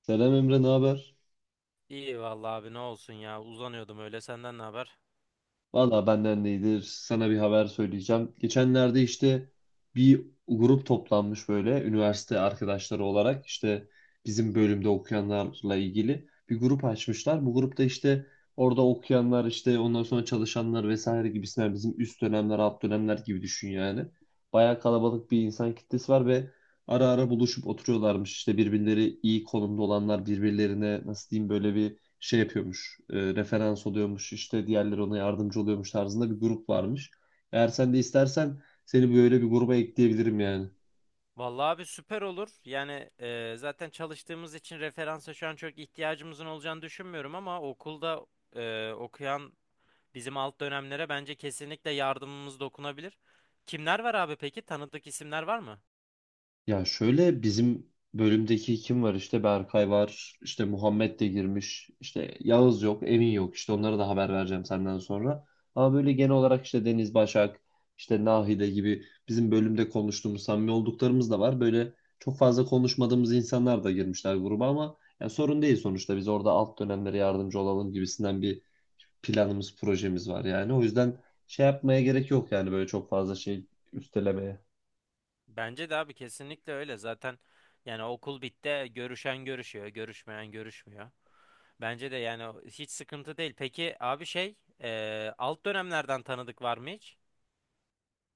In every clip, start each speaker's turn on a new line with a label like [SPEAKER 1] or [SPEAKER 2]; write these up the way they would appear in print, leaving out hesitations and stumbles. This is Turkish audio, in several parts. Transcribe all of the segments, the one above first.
[SPEAKER 1] Selam Emre, ne haber?
[SPEAKER 2] İyi vallahi abi ne olsun ya uzanıyordum öyle senden ne haber?
[SPEAKER 1] Valla benden de iyidir. Sana bir haber söyleyeceğim. Geçenlerde işte bir grup toplanmış, böyle üniversite arkadaşları olarak işte bizim bölümde okuyanlarla ilgili bir grup açmışlar. Bu grupta işte orada okuyanlar, işte ondan sonra çalışanlar vesaire gibisinden, bizim üst dönemler, alt dönemler gibi düşün yani. Bayağı kalabalık bir insan kitlesi var ve ara ara buluşup oturuyorlarmış. İşte birbirleri iyi konumda olanlar birbirlerine, nasıl diyeyim, böyle bir şey yapıyormuş, referans oluyormuş, işte diğerleri ona yardımcı oluyormuş tarzında bir grup varmış. Eğer sen de istersen seni böyle bir gruba ekleyebilirim yani.
[SPEAKER 2] Vallahi abi süper olur. Yani zaten çalıştığımız için referansa şu an çok ihtiyacımızın olacağını düşünmüyorum ama okulda okuyan bizim alt dönemlere bence kesinlikle yardımımız dokunabilir. Kimler var abi peki? Tanıdık isimler var mı?
[SPEAKER 1] Ya şöyle, bizim bölümdeki kim var işte, Berkay var işte, Muhammed de girmiş işte, Yağız yok, Emin yok, işte onlara da haber vereceğim senden sonra. Ama böyle genel olarak işte Deniz, Başak, işte Nahide gibi bizim bölümde konuştuğumuz, samimi olduklarımız da var. Böyle çok fazla konuşmadığımız insanlar da girmişler gruba, ama ya sorun değil, sonuçta biz orada alt dönemlere yardımcı olalım gibisinden bir planımız, projemiz var yani. O yüzden şey yapmaya gerek yok yani, böyle çok fazla şey üstelemeye.
[SPEAKER 2] Bence de abi kesinlikle öyle. Zaten yani okul bitti görüşen görüşüyor, görüşmeyen görüşmüyor. Bence de yani hiç sıkıntı değil. Peki abi şey alt dönemlerden tanıdık var mı hiç?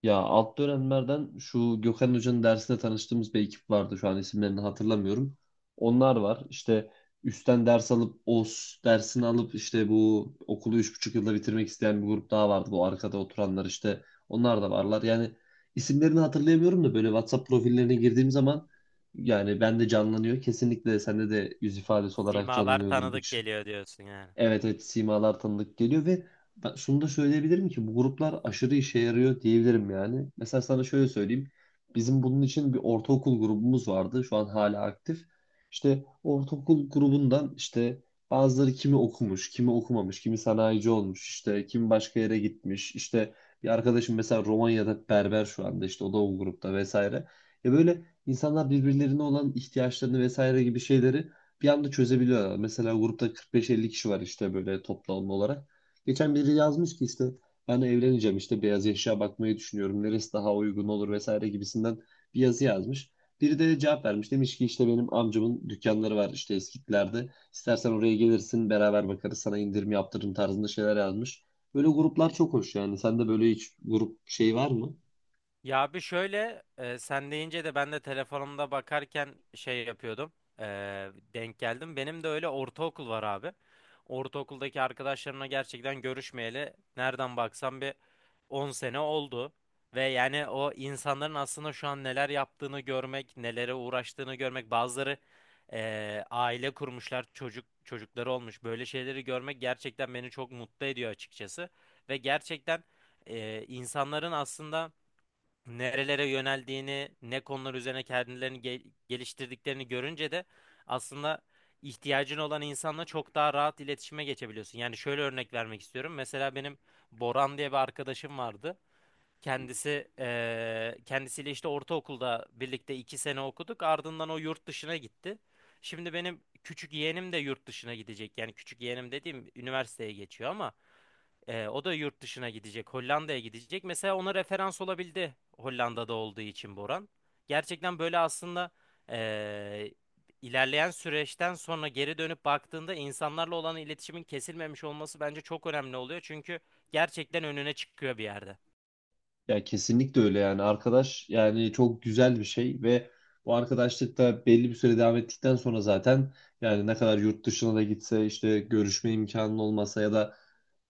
[SPEAKER 1] Ya alt dönemlerden şu Gökhan Hoca'nın dersinde tanıştığımız bir ekip vardı. Şu an isimlerini hatırlamıyorum. Onlar var. İşte üstten ders alıp, OS dersini alıp işte bu okulu 3,5 yılda bitirmek isteyen bir grup daha vardı. Bu arkada oturanlar işte, onlar da varlar. Yani isimlerini hatırlayamıyorum da böyle WhatsApp profillerine girdiğim zaman yani ben de canlanıyor. Kesinlikle sende de yüz ifadesi olarak
[SPEAKER 2] Simalar
[SPEAKER 1] canlanıyordur bu.
[SPEAKER 2] tanıdık geliyor diyorsun yani.
[SPEAKER 1] Evet, evet, simalar tanıdık geliyor ve ben şunu da söyleyebilirim ki bu gruplar aşırı işe yarıyor diyebilirim yani. Mesela sana şöyle söyleyeyim. Bizim bunun için bir ortaokul grubumuz vardı. Şu an hala aktif. İşte ortaokul grubundan işte bazıları, kimi okumuş, kimi okumamış, kimi sanayici olmuş, işte kimi başka yere gitmiş. İşte bir arkadaşım mesela Romanya'da berber şu anda, işte o da o grupta vesaire. Ya böyle insanlar birbirlerine olan ihtiyaçlarını vesaire gibi şeyleri bir anda çözebiliyorlar. Mesela grupta 45-50 kişi var işte, böyle toplam olarak. Geçen biri yazmış ki işte, ben evleneceğim, işte beyaz eşya bakmayı düşünüyorum. Neresi daha uygun olur vesaire gibisinden bir yazı yazmış. Biri de cevap vermiş. Demiş ki işte benim amcamın dükkanları var işte Eskitler'de. İstersen oraya gelirsin, beraber bakarız, sana indirim yaptırırım tarzında şeyler yazmış. Böyle gruplar çok hoş yani. Sende böyle hiç grup şey var mı?
[SPEAKER 2] Ya bir şöyle sen deyince de ben de telefonumda bakarken şey yapıyordum. E, denk geldim. Benim de öyle ortaokul var abi. Ortaokuldaki arkadaşlarımla gerçekten görüşmeyeli nereden baksam bir 10 sene oldu. Ve yani o insanların aslında şu an neler yaptığını görmek, nelere uğraştığını görmek, bazıları aile kurmuşlar, çocuk çocukları olmuş. Böyle şeyleri görmek gerçekten beni çok mutlu ediyor açıkçası. Ve gerçekten insanların aslında nerelere yöneldiğini, ne konular üzerine kendilerini geliştirdiklerini görünce de aslında ihtiyacın olan insanla çok daha rahat iletişime geçebiliyorsun. Yani şöyle örnek vermek istiyorum. Mesela benim Boran diye bir arkadaşım vardı. Kendisi kendisiyle işte ortaokulda birlikte iki sene okuduk. Ardından o yurt dışına gitti. Şimdi benim küçük yeğenim de yurt dışına gidecek. Yani küçük yeğenim dediğim üniversiteye geçiyor ama o da yurt dışına gidecek. Hollanda'ya gidecek. Mesela ona referans olabildi Hollanda'da olduğu için Boran. Gerçekten böyle aslında eee, ilerleyen süreçten sonra geri dönüp baktığında insanlarla olan iletişimin kesilmemiş olması bence çok önemli oluyor. Çünkü gerçekten önüne çıkıyor bir yerde.
[SPEAKER 1] Ya kesinlikle öyle yani arkadaş, yani çok güzel bir şey ve bu arkadaşlık da belli bir süre devam ettikten sonra zaten yani ne kadar yurt dışına da gitse, işte görüşme imkanın olmasa ya da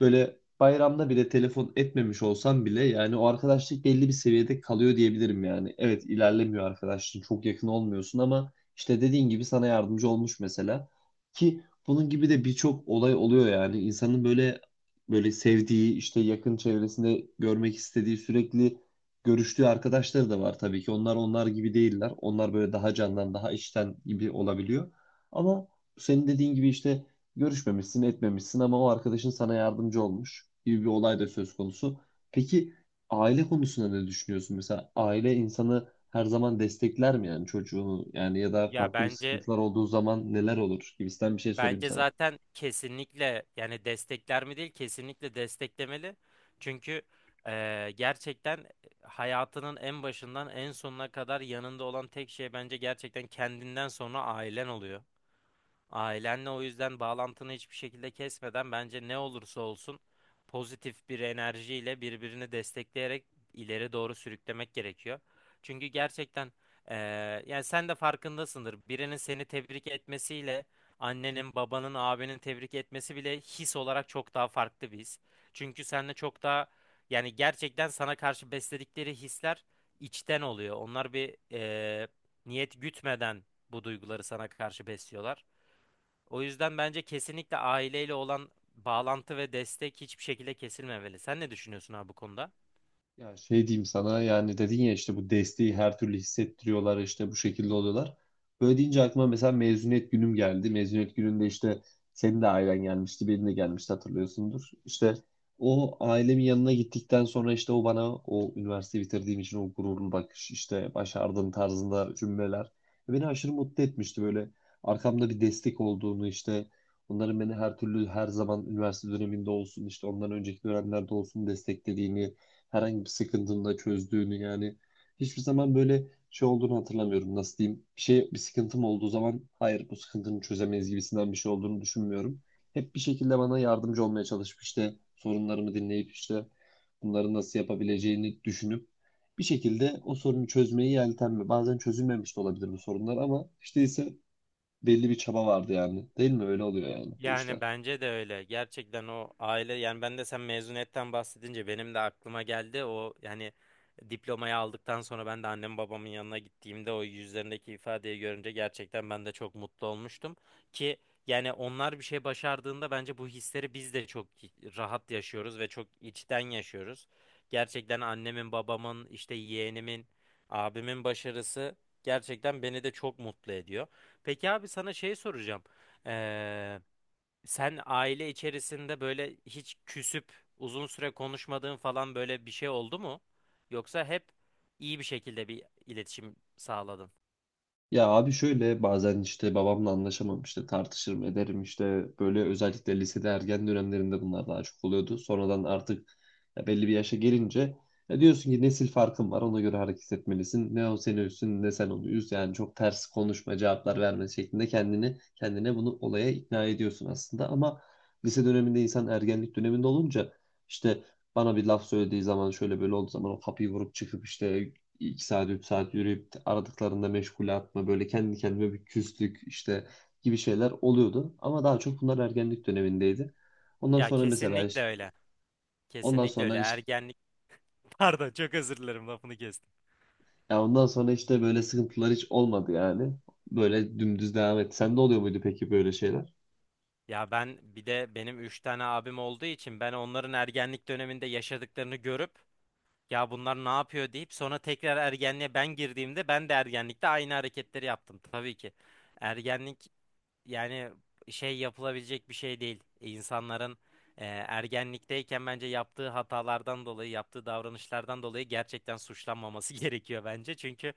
[SPEAKER 1] böyle bayramda bile telefon etmemiş olsam bile, yani o arkadaşlık belli bir seviyede kalıyor diyebilirim yani. Evet, ilerlemiyor arkadaşlığın, çok yakın olmuyorsun ama işte dediğin gibi sana yardımcı olmuş mesela ki bunun gibi de birçok olay oluyor yani, insanın böyle böyle sevdiği, işte yakın çevresinde görmek istediği, sürekli görüştüğü arkadaşları da var tabii ki. Onlar, onlar gibi değiller. Onlar böyle daha candan, daha içten gibi olabiliyor. Ama senin dediğin gibi işte görüşmemişsin, etmemişsin ama o arkadaşın sana yardımcı olmuş gibi bir olay da söz konusu. Peki aile konusunda ne düşünüyorsun? Mesela aile insanı her zaman destekler mi yani, çocuğunu yani, ya da
[SPEAKER 2] Ya
[SPEAKER 1] farklı bir
[SPEAKER 2] bence
[SPEAKER 1] sıkıntılar olduğu zaman neler olur gibisinden bir şey sorayım
[SPEAKER 2] Bence
[SPEAKER 1] sana.
[SPEAKER 2] zaten kesinlikle yani destekler mi değil, kesinlikle desteklemeli. Çünkü gerçekten hayatının en başından en sonuna kadar yanında olan tek şey bence gerçekten kendinden sonra ailen oluyor. Ailenle o yüzden bağlantını hiçbir şekilde kesmeden bence ne olursa olsun pozitif bir enerjiyle birbirini destekleyerek ileri doğru sürüklemek gerekiyor. Çünkü gerçekten eee, yani sen de farkındasındır. Birinin seni tebrik etmesiyle annenin, babanın, abinin tebrik etmesi bile his olarak çok daha farklı bir his. Çünkü seninle çok daha yani gerçekten sana karşı besledikleri hisler içten oluyor. Onlar bir niyet gütmeden bu duyguları sana karşı besliyorlar. O yüzden bence kesinlikle aileyle olan bağlantı ve destek hiçbir şekilde kesilmemeli. Sen ne düşünüyorsun abi bu konuda?
[SPEAKER 1] Ya şey diyeyim sana yani, dedin ya işte bu desteği her türlü hissettiriyorlar, işte bu şekilde oluyorlar. Böyle deyince aklıma mesela mezuniyet günüm geldi. Mezuniyet gününde işte senin de ailen gelmişti, benim de gelmişti, hatırlıyorsundur. İşte o ailemin yanına gittikten sonra işte o bana o üniversite bitirdiğim için o gururlu bakış, işte başardım tarzında cümleler beni aşırı mutlu etmişti, böyle arkamda bir destek olduğunu, işte onların beni her türlü, her zaman üniversite döneminde olsun, işte ondan önceki dönemlerde olsun desteklediğini, herhangi bir sıkıntını da çözdüğünü yani hiçbir zaman böyle şey olduğunu hatırlamıyorum. Nasıl diyeyim? Bir şey, bir sıkıntım olduğu zaman hayır bu sıkıntını çözemeyiz gibisinden bir şey olduğunu düşünmüyorum. Hep bir şekilde bana yardımcı olmaya çalışıp, işte sorunlarımı dinleyip, işte bunları nasıl yapabileceğini düşünüp bir şekilde o sorunu çözmeyi yeltenme. Bazen çözülmemiş de olabilir bu sorunlar ama işte ise belli bir çaba vardı yani. Değil mi? Öyle oluyor yani bu
[SPEAKER 2] Yani
[SPEAKER 1] işler.
[SPEAKER 2] bence de öyle. Gerçekten o aile yani ben de sen mezuniyetten bahsedince benim de aklıma geldi. O yani diplomayı aldıktan sonra ben de annem babamın yanına gittiğimde o yüzlerindeki ifadeyi görünce gerçekten ben de çok mutlu olmuştum. Ki yani onlar bir şey başardığında bence bu hisleri biz de çok rahat yaşıyoruz ve çok içten yaşıyoruz. Gerçekten annemin, babamın, işte yeğenimin, abimin başarısı gerçekten beni de çok mutlu ediyor. Peki abi sana şey soracağım. Ee, sen aile içerisinde böyle hiç küsüp uzun süre konuşmadığın falan böyle bir şey oldu mu? Yoksa hep iyi bir şekilde bir iletişim sağladın?
[SPEAKER 1] Ya abi şöyle, bazen işte babamla anlaşamam, işte tartışırım ederim işte böyle, özellikle lisede ergen dönemlerinde bunlar daha çok oluyordu. Sonradan artık, ya belli bir yaşa gelince ya diyorsun ki nesil farkın var, ona göre hareket etmelisin. Ne o seni üstün, ne sen onu üz yani, çok ters konuşma, cevaplar verme şeklinde kendini kendine bunu olaya ikna ediyorsun aslında. Ama lise döneminde insan ergenlik döneminde olunca işte bana bir laf söylediği zaman, şöyle böyle olduğu zaman o kapıyı vurup çıkıp işte 2 saat, 3 saat yürüyüp aradıklarında meşgule atma, böyle kendi kendime bir küslük işte gibi şeyler oluyordu. Ama daha çok bunlar ergenlik dönemindeydi. Ondan
[SPEAKER 2] Ya
[SPEAKER 1] sonra mesela
[SPEAKER 2] kesinlikle
[SPEAKER 1] işte,
[SPEAKER 2] öyle.
[SPEAKER 1] ondan
[SPEAKER 2] Kesinlikle öyle.
[SPEAKER 1] sonra işte,
[SPEAKER 2] Ergenlik. Pardon, çok özür dilerim lafını kestim.
[SPEAKER 1] Ya ondan sonra işte böyle sıkıntılar hiç olmadı yani. Böyle dümdüz devam etti. Sende oluyor muydu peki böyle şeyler?
[SPEAKER 2] Ya ben bir de benim üç tane abim olduğu için ben onların ergenlik döneminde yaşadıklarını görüp ya bunlar ne yapıyor deyip sonra tekrar ergenliğe ben girdiğimde ben de ergenlikte aynı hareketleri yaptım tabii ki. Ergenlik yani şey yapılabilecek bir şey değil. İnsanların ergenlikteyken bence yaptığı hatalardan dolayı, yaptığı davranışlardan dolayı gerçekten suçlanmaması gerekiyor bence. Çünkü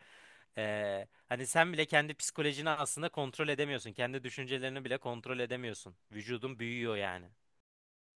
[SPEAKER 2] hani sen bile kendi psikolojini aslında kontrol edemiyorsun. Kendi düşüncelerini bile kontrol edemiyorsun. Vücudun büyüyor yani.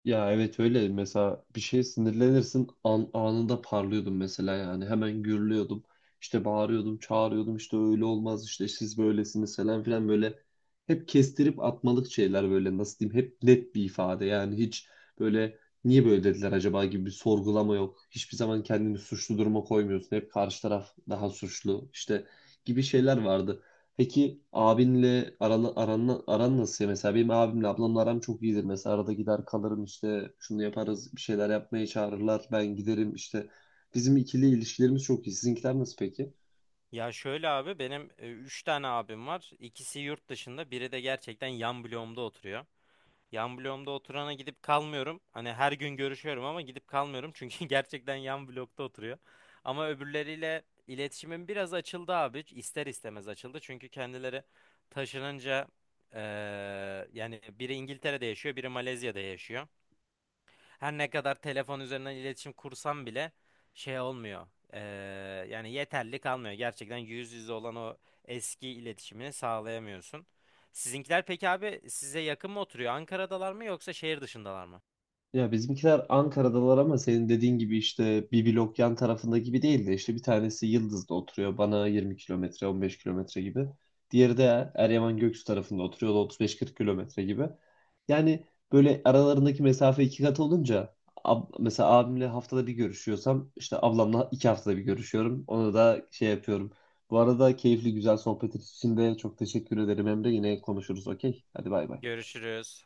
[SPEAKER 1] Ya evet öyle, mesela bir şeye sinirlenirsin anında parlıyordum mesela yani, hemen gürlüyordum, işte bağırıyordum, çağırıyordum, işte öyle olmaz, işte siz böylesiniz falan filan, böyle hep kestirip atmalık şeyler, böyle nasıl diyeyim, hep net bir ifade yani, hiç böyle niye böyle dediler acaba gibi bir sorgulama yok, hiçbir zaman kendini suçlu duruma koymuyorsun, hep karşı taraf daha suçlu işte gibi şeyler vardı. Peki abinle aran nasıl ya? Mesela benim abimle ablamla aram çok iyidir. Mesela arada gider kalırım işte, şunu yaparız, bir şeyler yapmaya çağırırlar ben giderim işte. Bizim ikili ilişkilerimiz çok iyi. Sizinkiler nasıl peki?
[SPEAKER 2] Ya şöyle abi benim 3 tane abim var. İkisi yurt dışında, biri de gerçekten yan bloğumda oturuyor. Yan bloğumda oturana gidip kalmıyorum. Hani her gün görüşüyorum ama gidip kalmıyorum. Çünkü gerçekten yan blokta oturuyor. Ama öbürleriyle iletişimim biraz açıldı abi. İster istemez açıldı. Çünkü kendileri taşınınca eee, yani biri İngiltere'de yaşıyor, biri Malezya'da yaşıyor. Her ne kadar telefon üzerinden iletişim kursam bile şey olmuyor. Ee, yani yeterli kalmıyor. Gerçekten yüz yüze olan o eski iletişimi sağlayamıyorsun. Sizinkiler peki abi size yakın mı oturuyor? Ankara'dalar mı yoksa şehir dışındalar mı?
[SPEAKER 1] Ya bizimkiler Ankara'dalar ama senin dediğin gibi işte bir blok yan tarafında gibi değil de, işte bir tanesi Yıldız'da oturuyor, bana 20 kilometre, 15 kilometre gibi. Diğeri de Eryaman Göksu tarafında oturuyor, o da 35-40 kilometre gibi. Yani böyle aralarındaki mesafe iki kat olunca mesela abimle haftada bir görüşüyorsam işte ablamla 2 haftada bir görüşüyorum. Ona da şey yapıyorum. Bu arada keyifli güzel sohbet için de çok teşekkür ederim Emre. Yine konuşuruz, okey. Hadi bay bay.
[SPEAKER 2] Görüşürüz.